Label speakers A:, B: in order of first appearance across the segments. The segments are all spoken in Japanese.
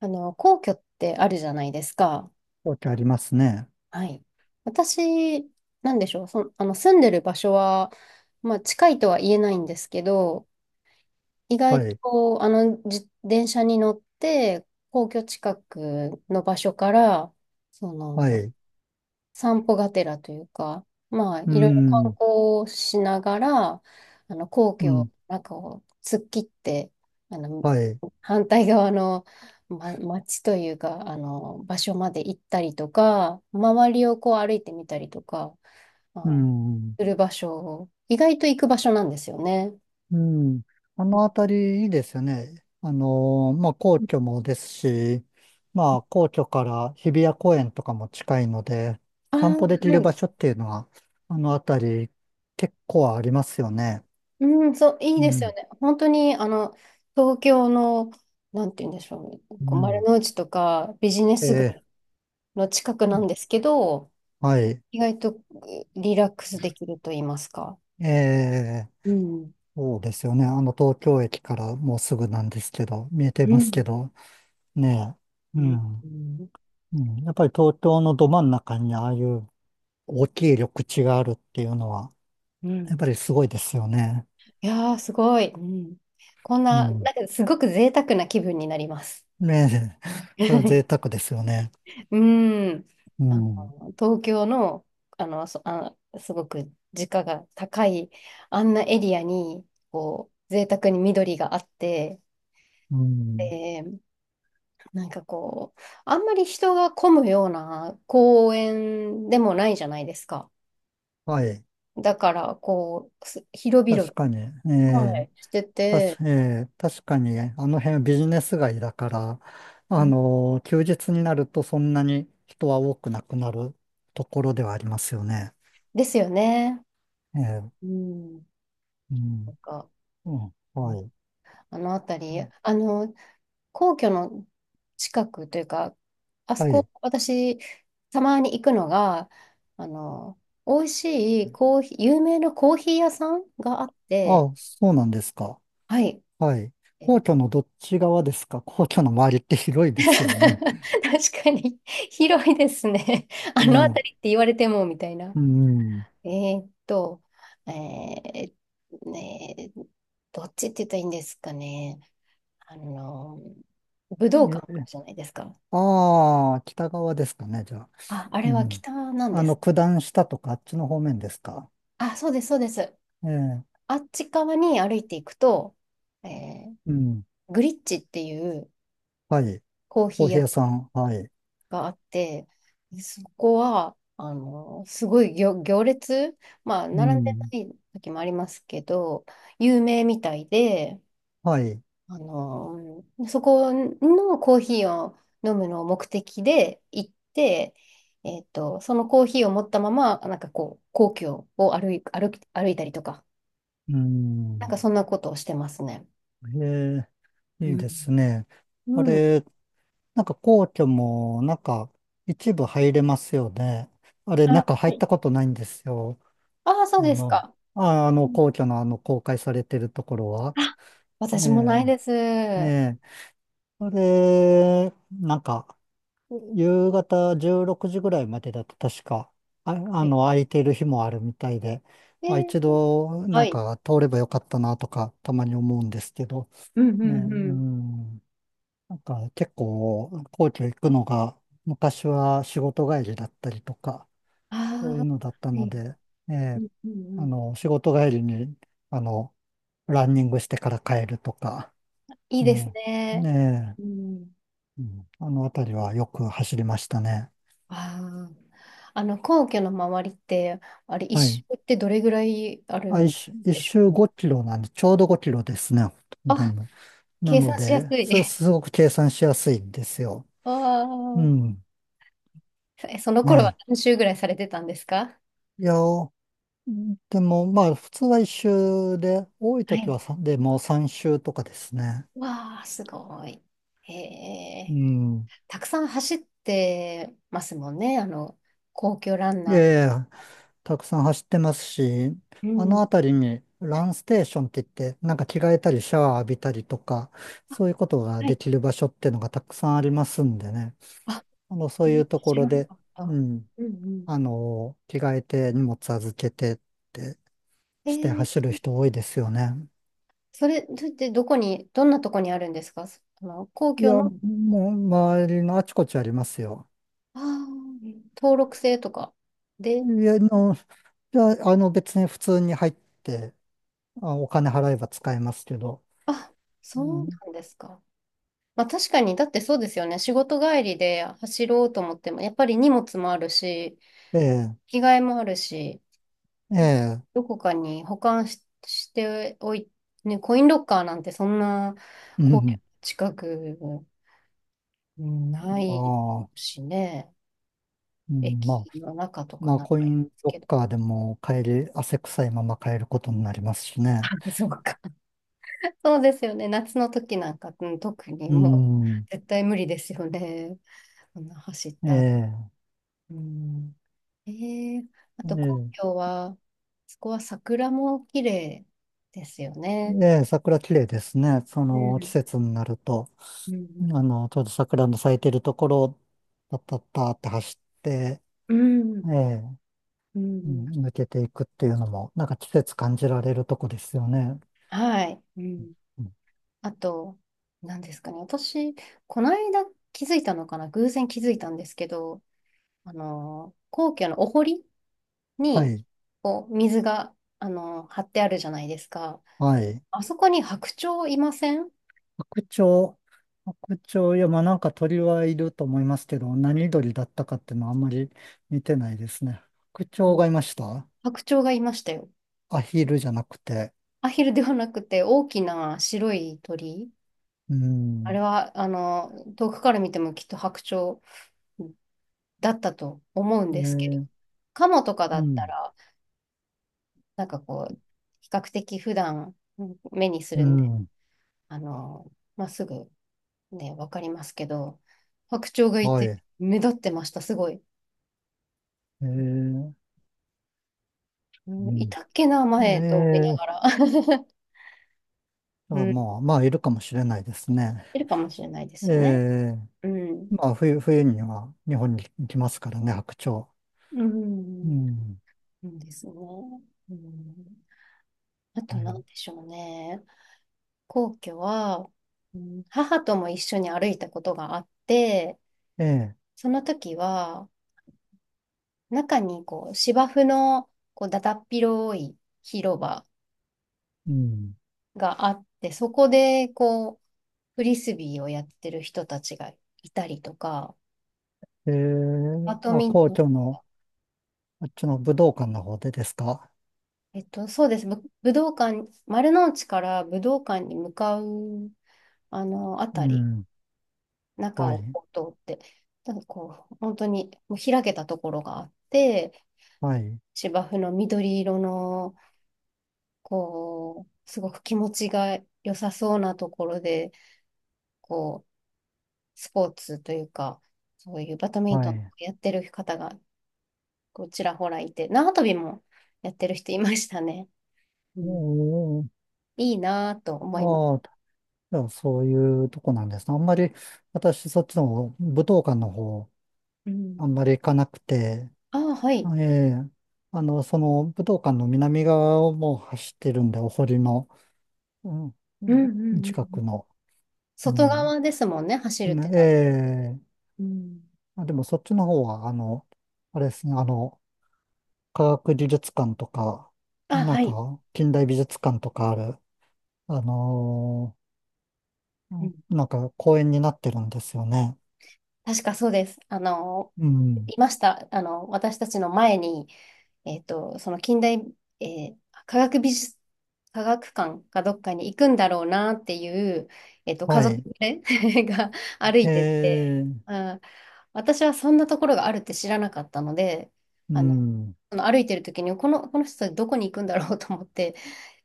A: 皇居ってあるじゃないですか。
B: わけありますね。
A: はい。私、なんでしょう。住んでる場所は、まあ、近いとは言えないんですけど、意外
B: はい。
A: と、自電車に乗って、皇居近くの場所から、そ
B: は
A: の、
B: い。
A: 散歩がてらというか、まあ、
B: う
A: いろいろ観光
B: ん。
A: をしながら、皇
B: う
A: 居を、
B: ん。
A: なんかを突っ切って、あの、
B: はい。
A: 反対側の、ま、町というか、場所まで行ったりとか、周りをこう歩いてみたりとか、
B: う
A: あ、
B: ん。
A: する場所を、意外と行く場所なんですよね。
B: うん。あのあたりいいですよね。まあ、皇居もですし、まあ、皇居から日比谷公園とかも近いので、
A: あ
B: 散歩で
A: ー、
B: き
A: は
B: る場
A: い。
B: 所っていうのは、あのあたり結構ありますよね。
A: うん、そう、いい
B: う
A: ですよ
B: ん。
A: ね。本当に、東京の、なんて言うんでしょうね。
B: う
A: こう丸
B: ん。
A: の内とかビジネス
B: え
A: 街の近くなんで
B: ー、
A: すけど、
B: はい。
A: 意外とリラックスできると言いますか。
B: えー、
A: うん。
B: そうですよね。あの東京駅からもうすぐなんですけど、見えて
A: う
B: ますけ
A: ん。
B: ど。ねえ。う
A: う
B: ん。
A: ん。
B: うん。やっぱり東京のど真ん中にああいう大きい緑地があるっていうのは、
A: う
B: やっぱ
A: ん。
B: りすごいですよね。
A: いやー、すごい。うん。こん
B: う
A: な、なん
B: ん。
A: かすごく贅沢な気分になります。
B: ねえ。それは贅 沢ですよね。
A: うん。
B: う ん。
A: 東京の、すごく時価が高い、あんなエリアに、こう、贅沢に緑があって、
B: うん。
A: で、なんかこう、あんまり人が混むような公園でもないじゃないですか。
B: はい。
A: だから、こう、広々、
B: 確かに。え
A: は
B: え。
A: い。してて、
B: ええ、確かに、あの辺ビジネス街だから、
A: う
B: あ
A: ん、
B: の、休日になるとそんなに人は多くなくなるところではありますよね。
A: ですよね。
B: ええ。
A: うん。
B: う
A: な
B: ん。
A: んか、
B: うん。
A: うん、
B: はい。
A: あの辺
B: う
A: り、
B: ん、
A: 皇居の近くというか、あそ
B: はい。
A: こ、私、たまに行くのが、あの、美味しいコーヒー、有名なコーヒー屋さんがあっ
B: あ
A: て、
B: あ、そうなんですか。
A: はい。
B: はい。皇居のどっち側ですか？皇居の周りって広い ですよね。
A: 確かに、広いですね。あ
B: え
A: の
B: え。
A: 辺りって言われても、みたいな。
B: うん。
A: えーっと、えーねーどっちって言ったらいいんですかね。あの、武道館ある
B: え
A: じゃないですか。
B: ああ、北側ですかね、じゃあ。
A: あ、あ
B: う
A: れは
B: ん。
A: 北なん
B: あ
A: で
B: の、
A: すね。
B: 九段下とかあっちの方面ですか？
A: あ、そうです、そうです。
B: ええ。
A: あっち側に歩いていくと、えー
B: うん。
A: グリッチっていう
B: はい。
A: コーヒ
B: コー
A: ー
B: ヒー
A: 屋
B: 屋さん。はい。
A: があって、そこは、すごい行列、まあ、
B: う
A: 並んでな
B: ん。
A: い時もありますけど、有名みたいで、
B: はい。
A: そこのコーヒーを飲むのを目的で行って、そのコーヒーを持ったまま、なんかこう、皇居を歩いたりとか、
B: う
A: なん
B: ん。
A: かそんなことをしてますね。
B: ええ、
A: う
B: いい
A: ん。
B: ですね。
A: う
B: あ
A: ん。
B: れ、なんか皇居も、なんか、一部入れますよね。あれ、
A: あ、
B: 中入
A: は
B: っ
A: い。
B: たことないんですよ。
A: ああ、そ
B: あ
A: うです
B: の、
A: か。うん、
B: 皇居のあの、公開されてるところは、
A: あ、
B: え
A: 私もないです。
B: え、え
A: は
B: え、それ、なんか、夕方16時ぐらいまでだと確か、あ、あ
A: い。
B: の、空いてる日もあるみたいで、
A: で、
B: あ、一度、な
A: は
B: ん
A: い。
B: か、通ればよかったなとか、たまに思うんですけど、
A: うんう
B: ね、う
A: んうん。
B: ん、なんか、結構、皇居行くのが、昔は仕事帰りだったりとか、
A: あ
B: そう
A: あ、
B: いう
A: は
B: のだったの
A: い。
B: で、え
A: う
B: え、
A: んうん
B: あ
A: うん、
B: の、仕事帰りに、あの、ランニングしてから帰るとか、
A: いいです
B: ねえ、
A: ね。
B: ね
A: うん。うん、
B: え、うん、あのあたりはよく走りましたね。
A: ああ。皇居の周りって、あれ、一
B: は
A: 周
B: い。
A: ってどれぐらいある
B: あ、一
A: ん
B: 周一
A: でし
B: 周
A: ょうね。
B: 5キロなんで、ちょうど5キロですね。ほとん
A: あ、
B: どな
A: 計
B: の
A: 算しやす
B: で、
A: い。
B: すごく計算しやすいんですよ。
A: あ
B: う
A: あ。
B: ん。
A: その頃は
B: ね
A: 何周ぐらいされてたんですか？
B: え。いや、でも、まあ、普通は一周で、多い
A: は
B: 時
A: い。
B: はさでもう3周とかですね。
A: わあ、すごい。へ
B: う
A: え。
B: ん。
A: たくさん走ってますもんね、あの、皇居ラン
B: え
A: ナー。
B: え、たくさん走ってますし、
A: う
B: あの
A: ん。
B: 辺りにランステーションって言って、なんか着替えたりシャワー浴びたりとか、そういうことが
A: は
B: で
A: い。
B: きる場所っていうのがたくさんありますんでね。あの、そういうとこ
A: 知
B: ろ
A: らな
B: で、
A: かった。
B: うん、
A: うんうん。
B: あの、着替えて荷物預けてって
A: え
B: して
A: ー、
B: 走る人多いですよね。
A: それってどこに、どんなとこにあるんですか？そあの、皇
B: い
A: 居
B: や、
A: の
B: もう周りのあちこちありますよ。
A: あ登録制とか
B: い
A: で、
B: や、あの、別に普通に入って、あ、お金払えば使えますけど。
A: あ、
B: う
A: そう
B: ん、
A: なんですか。まあ確かに、だってそうですよね。仕事帰りで走ろうと思っても、やっぱり荷物もあるし、
B: ええ、
A: 着替えもあるし、
B: ええ、
A: どこかに保管し、しておい、ね、コインロッカーなんてそんな
B: う
A: 皇居の
B: ん。
A: 近く、うんな
B: あ
A: い
B: あ、
A: しね。
B: うん、まあ、
A: 駅の中とか
B: まあ、
A: なん
B: コ
A: か
B: イ
A: で
B: ン
A: すけ
B: ロッ
A: ど。
B: カーでも買える、汗臭いまま買えることになりますし
A: あ、
B: ね。
A: そうか。そうですよね。夏の時なんか、うん、特に
B: う
A: も
B: ん、
A: う絶対無理ですよね。そんな走っ
B: え
A: た。
B: え、
A: うん。えー、あ
B: え
A: と皇
B: え、
A: 居は、そこは桜も綺麗ですよね。
B: ええ、桜綺麗ですね。そ
A: う
B: の季
A: ん。
B: 節になると、
A: う
B: あ
A: ん
B: の、ちょうど桜の咲いてるところを、パッパッパーって走って、
A: う
B: え
A: ん。
B: え、
A: うん。
B: う
A: うん、
B: ん、抜けていくっていうのも、なんか季節感じられるとこですよね。
A: はい。うん。
B: うん、
A: あと、何ですかね。私、この間気づいたのかな。偶然気づいたんですけど、皇居のお堀
B: は
A: に、
B: い、
A: こう、水が、張ってあるじゃないですか。
B: はい。
A: あそこに白鳥いません？
B: 白鳥、白鳥、いや、まあなんか鳥はいると思いますけど、何鳥だったかっていうのはあんまり見てないですね。白
A: あ
B: 鳥
A: の
B: がいました？
A: 白鳥がいましたよ。
B: アヒルじゃなくて。
A: アヒルではなくて大きな白い鳥。
B: う
A: あれ
B: ん。
A: は、遠くから見てもきっと白鳥だったと思うん
B: え
A: ですけど、
B: ー、
A: カモとか
B: う
A: だった
B: ん。
A: ら、なんかこう、比較的普段目にす
B: う
A: るんで、
B: ん。
A: あの、まあ、すぐね、わかりますけど、白鳥がい
B: はい。
A: て目立ってました、すごい。
B: う
A: うん、い
B: ん。
A: たっけな、前と思いな
B: え
A: がら。う
B: あ、
A: ん、
B: まあ、まあ、いるかもしれないですね。
A: いるかもしれないで
B: え
A: すよね。
B: ー、
A: うん。
B: まあ、冬には日本に来ますからね、白鳥。
A: う
B: う
A: ん。
B: ん。
A: うん、ですね。うん。あと
B: は
A: 何
B: い。
A: でしょうね。皇居は、うん、母とも一緒に歩いたことがあって、
B: ええ、
A: その時は、中にこう芝生のこうだだっ広い広場
B: うん。
A: があって、そこでこう、フリスビーをやってる人たちがいたりとか、バド
B: あ、
A: ミン
B: 皇
A: ト
B: 居の、あっちの武道館の方でですか？
A: えっと、そうです。武道館、丸の内から武道館に向かう、あの、あ
B: う
A: たり、
B: ん。
A: 中
B: は
A: を
B: い。
A: こう通って、なんかこう、本当にもう開けたところがあって、
B: はい。
A: 芝生の緑色の、こう、すごく気持ちが良さそうなところで、こう、スポーツというか、そういうバドミン
B: は
A: トンを
B: い。
A: やってる方が、こう、ちらほらいて、縄跳びもやってる人いましたね。う
B: お
A: ん、
B: ー、
A: いいなぁと思います。
B: ああ、じゃあそういうとこなんですね。あんまり、私、そっちの武道館の方、
A: う
B: あ
A: ん、
B: んまり行かなくて、
A: ああ、はい。
B: ええ、あの、その武道館の南側をもう走ってるんで、お堀の、うんう
A: うん
B: ん、
A: うんうんう
B: 近
A: ん
B: くの。う
A: 外
B: ん。
A: 側ですもんね、走るっ
B: ね
A: て
B: え
A: なる。
B: え、
A: うん。
B: あ、でもそっちの方は、あの、あれですね、あの、科学技術館とか、
A: あ、
B: なん
A: はい。
B: か近代美術館とかある、あの
A: うん。
B: なんか公園になってるんですよね。
A: 確かそうです。
B: うん。
A: いました。私たちの前に、えっと、その近代、えー科学美術、科学館かどっかに行くんだろうなっていう、家
B: は
A: 族
B: い。
A: 連れ が歩
B: へ
A: いてて、
B: え、
A: あ、私はそんなところがあるって知らなかったので、
B: う
A: あの、
B: ん。
A: その歩いてる時に、この人たちどこに行くんだろうと思って、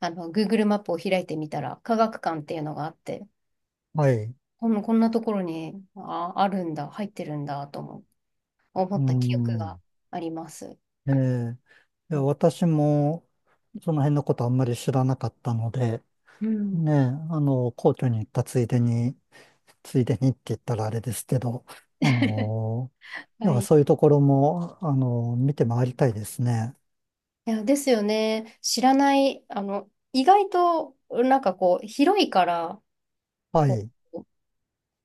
A: Google マップを開いてみたら、科学館っていうのがあって、
B: はい。
A: こんなところに、あ、あるんだ、入ってるんだ、とも思
B: う
A: った記憶が
B: ん。
A: あります。
B: ええ、い
A: う
B: や
A: ん
B: 私もその辺のことあんまり知らなかったので、
A: うん。
B: ねえ、あの、皇居に行ったついでに、ついでにって言ったらあれですけど、あ の、い
A: は
B: や
A: い。い
B: そういうところも、あの、見て回りたいですね。
A: や、ですよね。知らない、意外と、なんかこう、広いから、
B: は
A: こ
B: い。
A: う、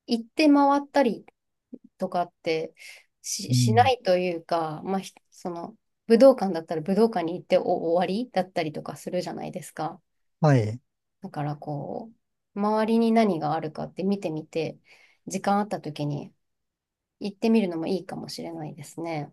A: 行って回ったりとかって
B: う
A: し、しな
B: ん。
A: いというか、まあ、ひその、武道館だったら武道館に行ってお終わりだったりとかするじゃないですか。
B: はい。
A: だからこう、周りに何があるかって見てみて、時間あった時に行ってみるのもいいかもしれないですね。